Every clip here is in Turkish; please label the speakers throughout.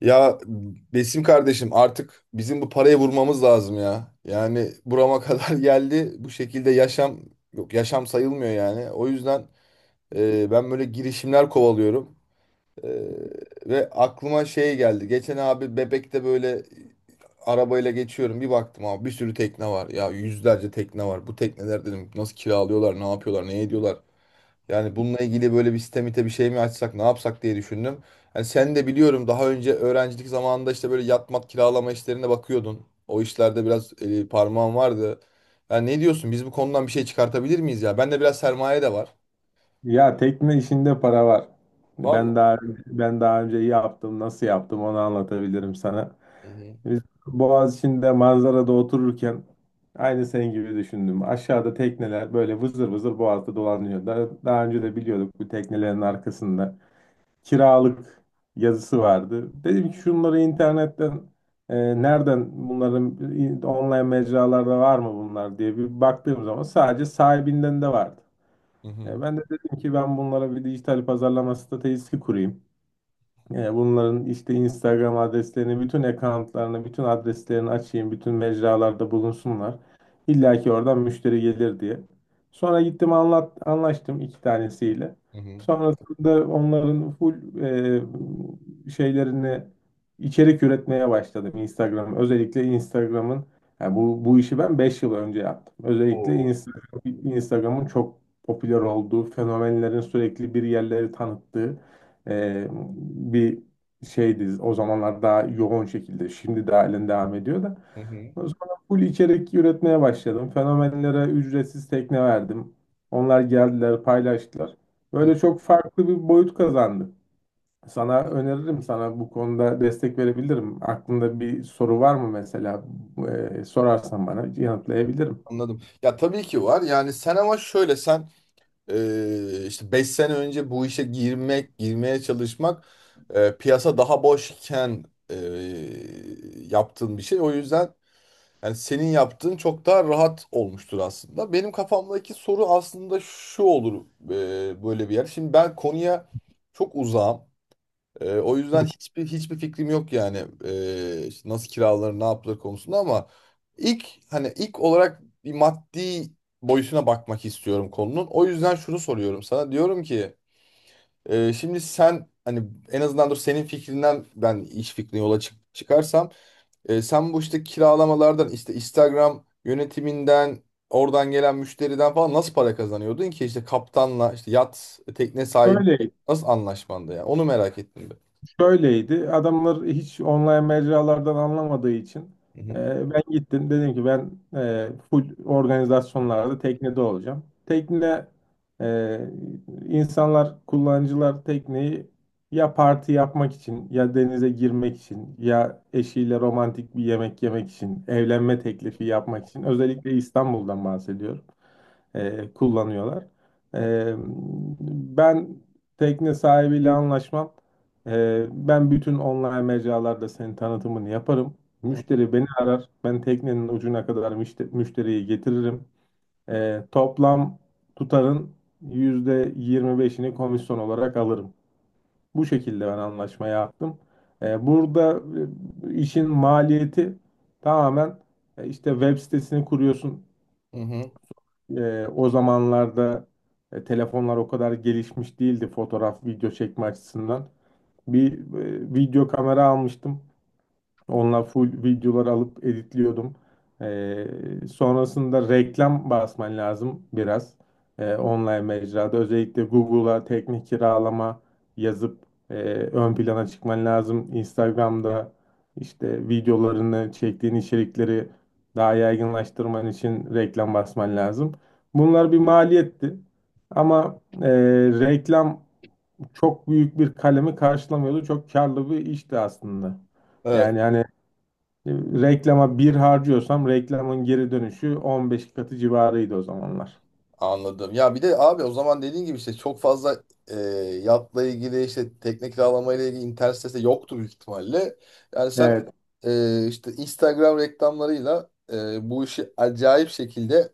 Speaker 1: Ya Besim kardeşim artık bizim bu parayı vurmamız lazım ya. Yani burama kadar geldi. Bu şekilde yaşam yok yaşam sayılmıyor yani. O yüzden ben böyle girişimler kovalıyorum. E, Ve aklıma şey geldi. Geçen abi Bebek'te böyle arabayla geçiyorum. Bir baktım abi bir sürü tekne var. Ya yüzlerce tekne var. Bu tekneler dedim nasıl kiralıyorlar, ne yapıyorlar, ne ediyorlar. Yani bununla ilgili böyle bir sistemite bir şey mi açsak ne yapsak diye düşündüm. Yani sen de biliyorum daha önce öğrencilik zamanında işte böyle yatmat kiralama işlerine bakıyordun. O işlerde biraz parmağın vardı. Yani ne diyorsun biz bu konudan bir şey çıkartabilir miyiz ya? Bende biraz sermaye de var.
Speaker 2: Ya tekne işinde para var. Ben
Speaker 1: Vallahi.
Speaker 2: daha ben daha önce yaptım, nasıl yaptım onu anlatabilirim sana.
Speaker 1: Hı hı.
Speaker 2: Biz Boğaziçi'nde manzarada otururken aynı senin gibi düşündüm. Aşağıda tekneler böyle vızır vızır boğazda dolanıyor. Daha önce de biliyorduk bu teknelerin arkasında kiralık yazısı vardı. Dedim ki şunları internetten nereden bunların online mecralarda var mı bunlar diye bir baktığım zaman sadece sahibinden de vardı.
Speaker 1: Hı hı.
Speaker 2: Ben de dedim ki ben bunlara bir dijital pazarlama stratejisi kurayım. Yani bunların işte Instagram adreslerini, bütün accountlarını, bütün adreslerini açayım, bütün mecralarda bulunsunlar. İlla ki oradan müşteri gelir diye. Sonra gittim anlaştım iki tanesiyle.
Speaker 1: Hı hı.
Speaker 2: Sonrasında onların full şeylerini içerik üretmeye başladım Instagram. Özellikle Instagram'ın yani bu işi ben 5 yıl önce yaptım. Özellikle
Speaker 1: Oo.
Speaker 2: Instagram'ın çok popüler olduğu, fenomenlerin sürekli bir yerleri tanıttığı e, bir şeydi o zamanlar, daha yoğun şekilde şimdi de halen devam ediyor da
Speaker 1: Hı hı.
Speaker 2: sonra full içerik üretmeye başladım, fenomenlere ücretsiz tekne verdim, onlar geldiler paylaştılar,
Speaker 1: Hı.
Speaker 2: böyle çok farklı bir boyut kazandı. Sana öneririm, sana bu konuda destek verebilirim. Aklında bir soru var mı mesela? Sorarsan bana yanıtlayabilirim.
Speaker 1: Anladım. Ya tabii ki var. Yani sen ama şöyle sen işte 5 sene önce bu işe girmek, girmeye çalışmak piyasa daha boşken e, yaptığın bir şey. O yüzden yani senin yaptığın çok daha rahat olmuştur aslında. Benim kafamdaki soru aslında şu olur böyle bir yer. Şimdi ben konuya çok uzağım. O yüzden hiçbir fikrim yok yani işte nasıl kiralanır, ne yapılır konusunda ama ilk hani ilk olarak bir maddi boyutuna bakmak istiyorum konunun. O yüzden şunu soruyorum sana. Diyorum ki şimdi sen hani en azından dur senin fikrinden ben iş fikrine yola çıkarsam sen bu işte kiralamalardan işte Instagram yönetiminden oradan gelen müşteriden falan nasıl para kazanıyordun ki işte kaptanla işte yat tekne sahibi
Speaker 2: Öyle.
Speaker 1: nasıl anlaşmanda ya onu merak ettim ben.
Speaker 2: Şöyleydi. Adamlar hiç online mecralardan anlamadığı için
Speaker 1: Hı
Speaker 2: ben gittim. Dedim ki ben full organizasyonlarda teknede olacağım. Tekne, e, insanlar, kullanıcılar tekneyi ya parti yapmak için, ya denize girmek için, ya eşiyle romantik bir yemek yemek için, evlenme teklifi yapmak için, özellikle İstanbul'dan bahsediyorum, kullanıyorlar. E, Ben tekne sahibiyle anlaşmam. Ben bütün online mecralarda senin tanıtımını yaparım.
Speaker 1: hı.
Speaker 2: Müşteri beni arar. Ben teknenin ucuna kadar müşteriyi getiririm. Toplam tutarın %25'ini komisyon olarak alırım. Bu şekilde ben anlaşma yaptım. Burada işin maliyeti tamamen, işte web sitesini kuruyorsun.
Speaker 1: Hı hı.
Speaker 2: O zamanlarda telefonlar o kadar gelişmiş değildi fotoğraf, video çekme açısından. Bir video kamera almıştım. Onlar full videolar alıp editliyordum. Sonrasında reklam basman lazım biraz. Online mecrada özellikle Google'a teknik kiralama yazıp ön plana çıkman lazım. Instagram'da işte videolarını çektiğin içerikleri daha yaygınlaştırman için reklam basman lazım. Bunlar bir maliyetti. Ama reklam çok büyük bir kalemi karşılamıyordu. Çok karlı bir işti aslında.
Speaker 1: Evet,
Speaker 2: Yani hani reklama bir harcıyorsam reklamın geri dönüşü 15 katı civarıydı o zamanlar.
Speaker 1: anladım. Ya bir de abi o zaman dediğin gibi işte çok fazla e, yatla ilgili işte tekne kiralama ile ilgili internet sitesi de yoktu büyük ihtimalle. Yani sen
Speaker 2: Evet.
Speaker 1: işte Instagram reklamlarıyla bu işi acayip şekilde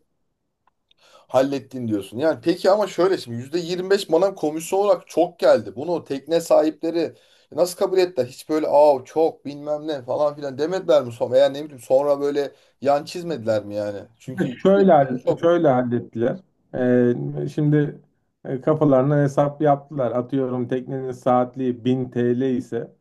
Speaker 1: hallettin diyorsun. Yani peki ama şöyle şimdi %25 bana komisyon olarak çok geldi. Bunu tekne sahipleri nasıl kabul ettiler? Hiç böyle aa çok bilmem ne falan filan demediler mi sonra? Veya ne bileyim sonra böyle yan çizmediler mi yani? Çünkü
Speaker 2: Şöyle hall-
Speaker 1: çok...
Speaker 2: şöyle hallettiler. Ee, Şimdi kafalarına hesap yaptılar. Atıyorum teknenin saatliği 1000 TL ise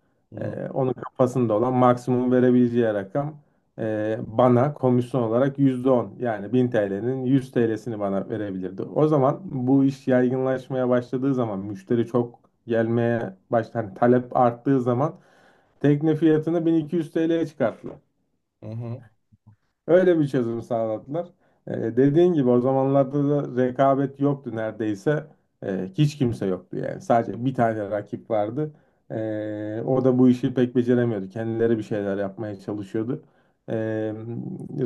Speaker 2: e,
Speaker 1: Hı
Speaker 2: onun kafasında olan maksimum verebileceği rakam, bana komisyon olarak %10, yani 1000 TL'nin 100 TL'sini bana verebilirdi. O zaman bu iş yaygınlaşmaya başladığı zaman müşteri çok gelmeye başlar, talep arttığı zaman tekne fiyatını 1200 TL'ye çıkarttılar.
Speaker 1: hı.
Speaker 2: Öyle bir çözüm sağladılar. Dediğin gibi o zamanlarda da rekabet yoktu neredeyse. Hiç kimse yoktu yani. Sadece bir tane rakip vardı. O da bu işi pek beceremiyordu. Kendileri bir şeyler yapmaya çalışıyordu. Ee,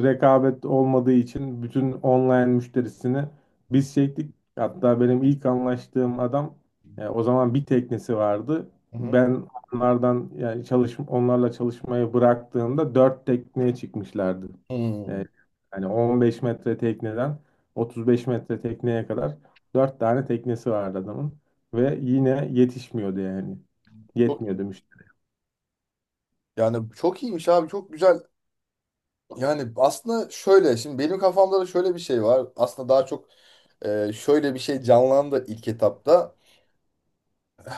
Speaker 2: Rekabet olmadığı için bütün online müşterisini biz çektik. Hatta benim ilk anlaştığım adam o zaman bir teknesi vardı.
Speaker 1: Hı hı.
Speaker 2: Ben onlardan, yani onlarla çalışmayı bıraktığımda dört tekneye çıkmışlardı.
Speaker 1: Hmm.
Speaker 2: E, Hani 15 metre tekneden 35 metre tekneye kadar 4 tane teknesi vardı adamın. Ve yine yetişmiyordu yani.
Speaker 1: Çok-
Speaker 2: Yetmiyordu müşteri.
Speaker 1: Yani çok iyiymiş abi, çok güzel. Yani aslında şöyle şimdi benim kafamda da şöyle bir şey var. Aslında daha çok şöyle bir şey canlandı ilk etapta.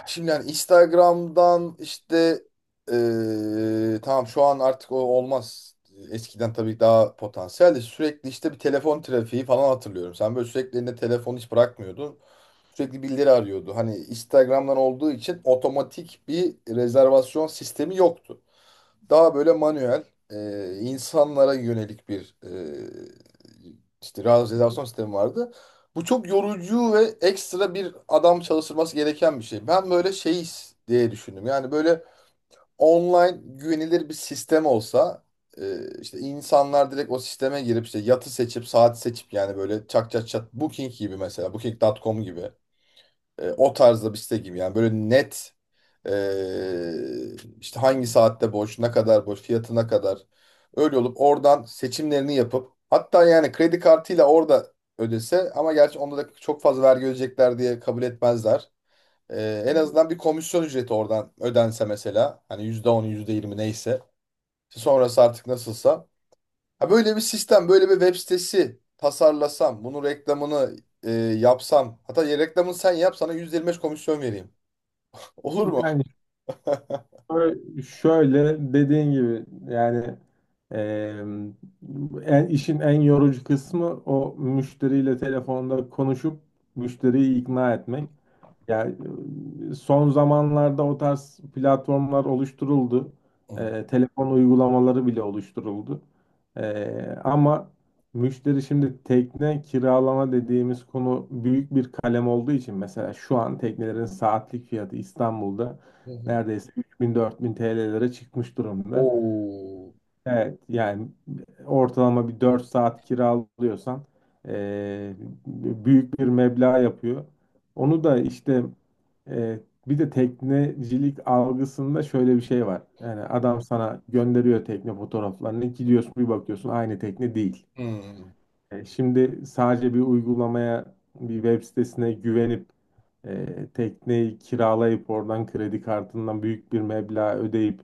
Speaker 1: Şimdi yani Instagram'dan işte tamam şu an artık o olmaz. Eskiden tabii daha potansiyeldi. Sürekli işte bir telefon trafiği falan hatırlıyorum. Sen böyle sürekli elinde telefon hiç bırakmıyordun. Sürekli birileri arıyordu. Hani Instagram'dan olduğu için otomatik bir rezervasyon sistemi yoktu. Daha böyle manuel, insanlara yönelik bir işte realizasyon sistemi vardı. Bu çok yorucu ve ekstra bir adam çalıştırması gereken bir şey. Ben böyle şey diye düşündüm. Yani böyle online güvenilir bir sistem olsa işte insanlar direkt o sisteme girip işte yatı seçip saati seçip yani böyle çak çak çak Booking gibi, mesela booking nokta com gibi o tarzda bir site gibi yani böyle net ee, işte hangi saatte boş, ne kadar boş, fiyatına kadar. Öyle olup oradan seçimlerini yapıp hatta yani kredi kartıyla orada ödese ama gerçi onda da çok fazla vergi ödeyecekler diye kabul etmezler. En azından bir komisyon ücreti oradan ödense mesela hani %10, yüzde yirmi neyse. İşte sonrası artık nasılsa. Ha böyle bir sistem, böyle bir web sitesi tasarlasam, bunun reklamını yapsam hatta ya reklamını sen yap sana %25 komisyon vereyim. Olur mu?
Speaker 2: Yani şöyle, şöyle dediğin gibi, yani, e, işin en yorucu kısmı o müşteriyle telefonda konuşup müşteriyi ikna etmek. Ya, son zamanlarda o tarz platformlar oluşturuldu.
Speaker 1: Hmm.
Speaker 2: Telefon uygulamaları bile oluşturuldu. Ama müşteri, şimdi tekne kiralama dediğimiz konu büyük bir kalem olduğu için, mesela şu an teknelerin saatlik fiyatı İstanbul'da
Speaker 1: Hı hı.
Speaker 2: neredeyse 3000-4000 TL'lere çıkmış durumda.
Speaker 1: Oo.
Speaker 2: Evet yani ortalama bir 4 saat kiralıyorsan eee, büyük bir meblağ yapıyor. Onu da işte, eee, bir de teknecilik algısında şöyle bir şey var. Yani adam sana gönderiyor tekne fotoğraflarını, gidiyorsun bir bakıyorsun aynı tekne değil.
Speaker 1: Hmm.
Speaker 2: Şimdi sadece bir uygulamaya, bir web sitesine güvenip tekneyi kiralayıp oradan kredi kartından büyük bir meblağ ödeyip,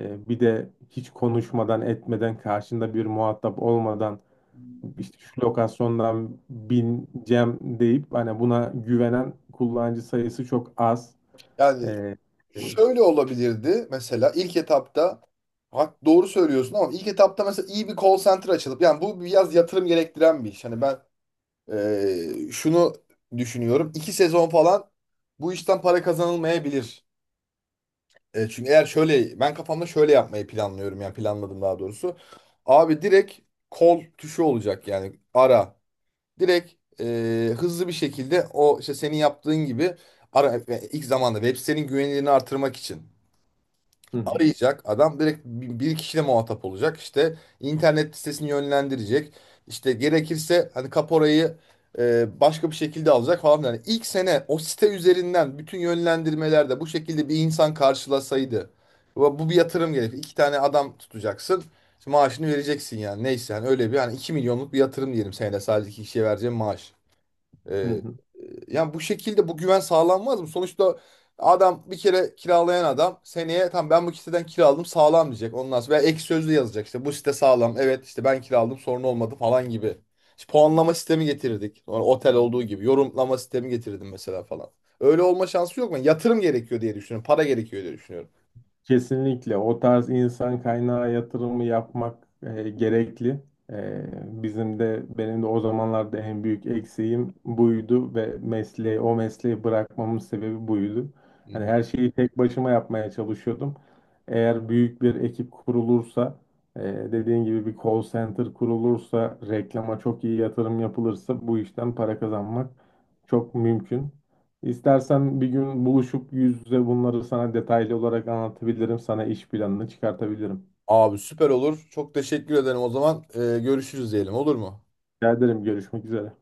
Speaker 2: bir de hiç konuşmadan etmeden, karşında bir muhatap olmadan, işte şu lokasyondan bineceğim deyip, hani buna güvenen kullanıcı sayısı çok az.
Speaker 1: Yani
Speaker 2: E,
Speaker 1: şöyle olabilirdi mesela ilk etapta hak doğru söylüyorsun ama ilk etapta mesela iyi bir call center açılıp yani bu biraz yatırım gerektiren bir iş. Hani ben şunu düşünüyorum. İki sezon falan bu işten para kazanılmayabilir. E, çünkü eğer şöyle ben kafamda şöyle yapmayı planlıyorum yani planladım daha doğrusu. Abi direkt call tuşu olacak yani ara. Direkt hızlı bir şekilde o işte senin yaptığın gibi ara, yani ilk zamanda web sitenin güvenilirliğini artırmak için
Speaker 2: Hı hı,
Speaker 1: arayacak adam direkt bir kişiyle muhatap olacak işte internet sitesini yönlendirecek işte gerekirse hani kaporayı başka bir şekilde alacak falan filan. Yani ilk sene o site üzerinden bütün yönlendirmelerde bu şekilde bir insan karşılasaydı bu bir yatırım gerekir iki tane adam tutacaksın maaşını vereceksin yani neyse yani öyle bir hani 2 milyonluk bir yatırım diyelim senede sadece iki kişiye vereceğim maaş. Ee,
Speaker 2: hı hı.
Speaker 1: e, yani bu şekilde bu güven sağlanmaz mı? Sonuçta adam bir kere kiralayan adam seneye tam ben bu siteden kiraladım sağlam diyecek. Ondan sonra veya ek sözlü yazacak işte bu site sağlam. Evet işte ben kiraladım sorun olmadı falan gibi. İşte puanlama sistemi getirirdik. Sonra otel olduğu gibi yorumlama sistemi getirdim mesela falan. Öyle olma şansı yok mu? Yatırım gerekiyor diye düşünüyorum. Para gerekiyor diye düşünüyorum.
Speaker 2: Kesinlikle o tarz insan kaynağı yatırımı yapmak gerekli. E, Bizim de, benim de o zamanlarda en büyük eksiğim buydu ve o mesleği bırakmamın sebebi buydu.
Speaker 1: Hı
Speaker 2: Hani
Speaker 1: hı.
Speaker 2: her şeyi tek başıma yapmaya çalışıyordum. Eğer büyük bir ekip kurulursa, e, dediğin gibi bir call center kurulursa, reklama çok iyi yatırım yapılırsa, bu işten para kazanmak çok mümkün. İstersen bir gün buluşup yüz yüze bunları sana detaylı olarak anlatabilirim. Sana iş planını çıkartabilirim.
Speaker 1: Abi süper olur. Çok teşekkür ederim o zaman. Görüşürüz diyelim, olur mu?
Speaker 2: Rica ederim. Görüşmek üzere.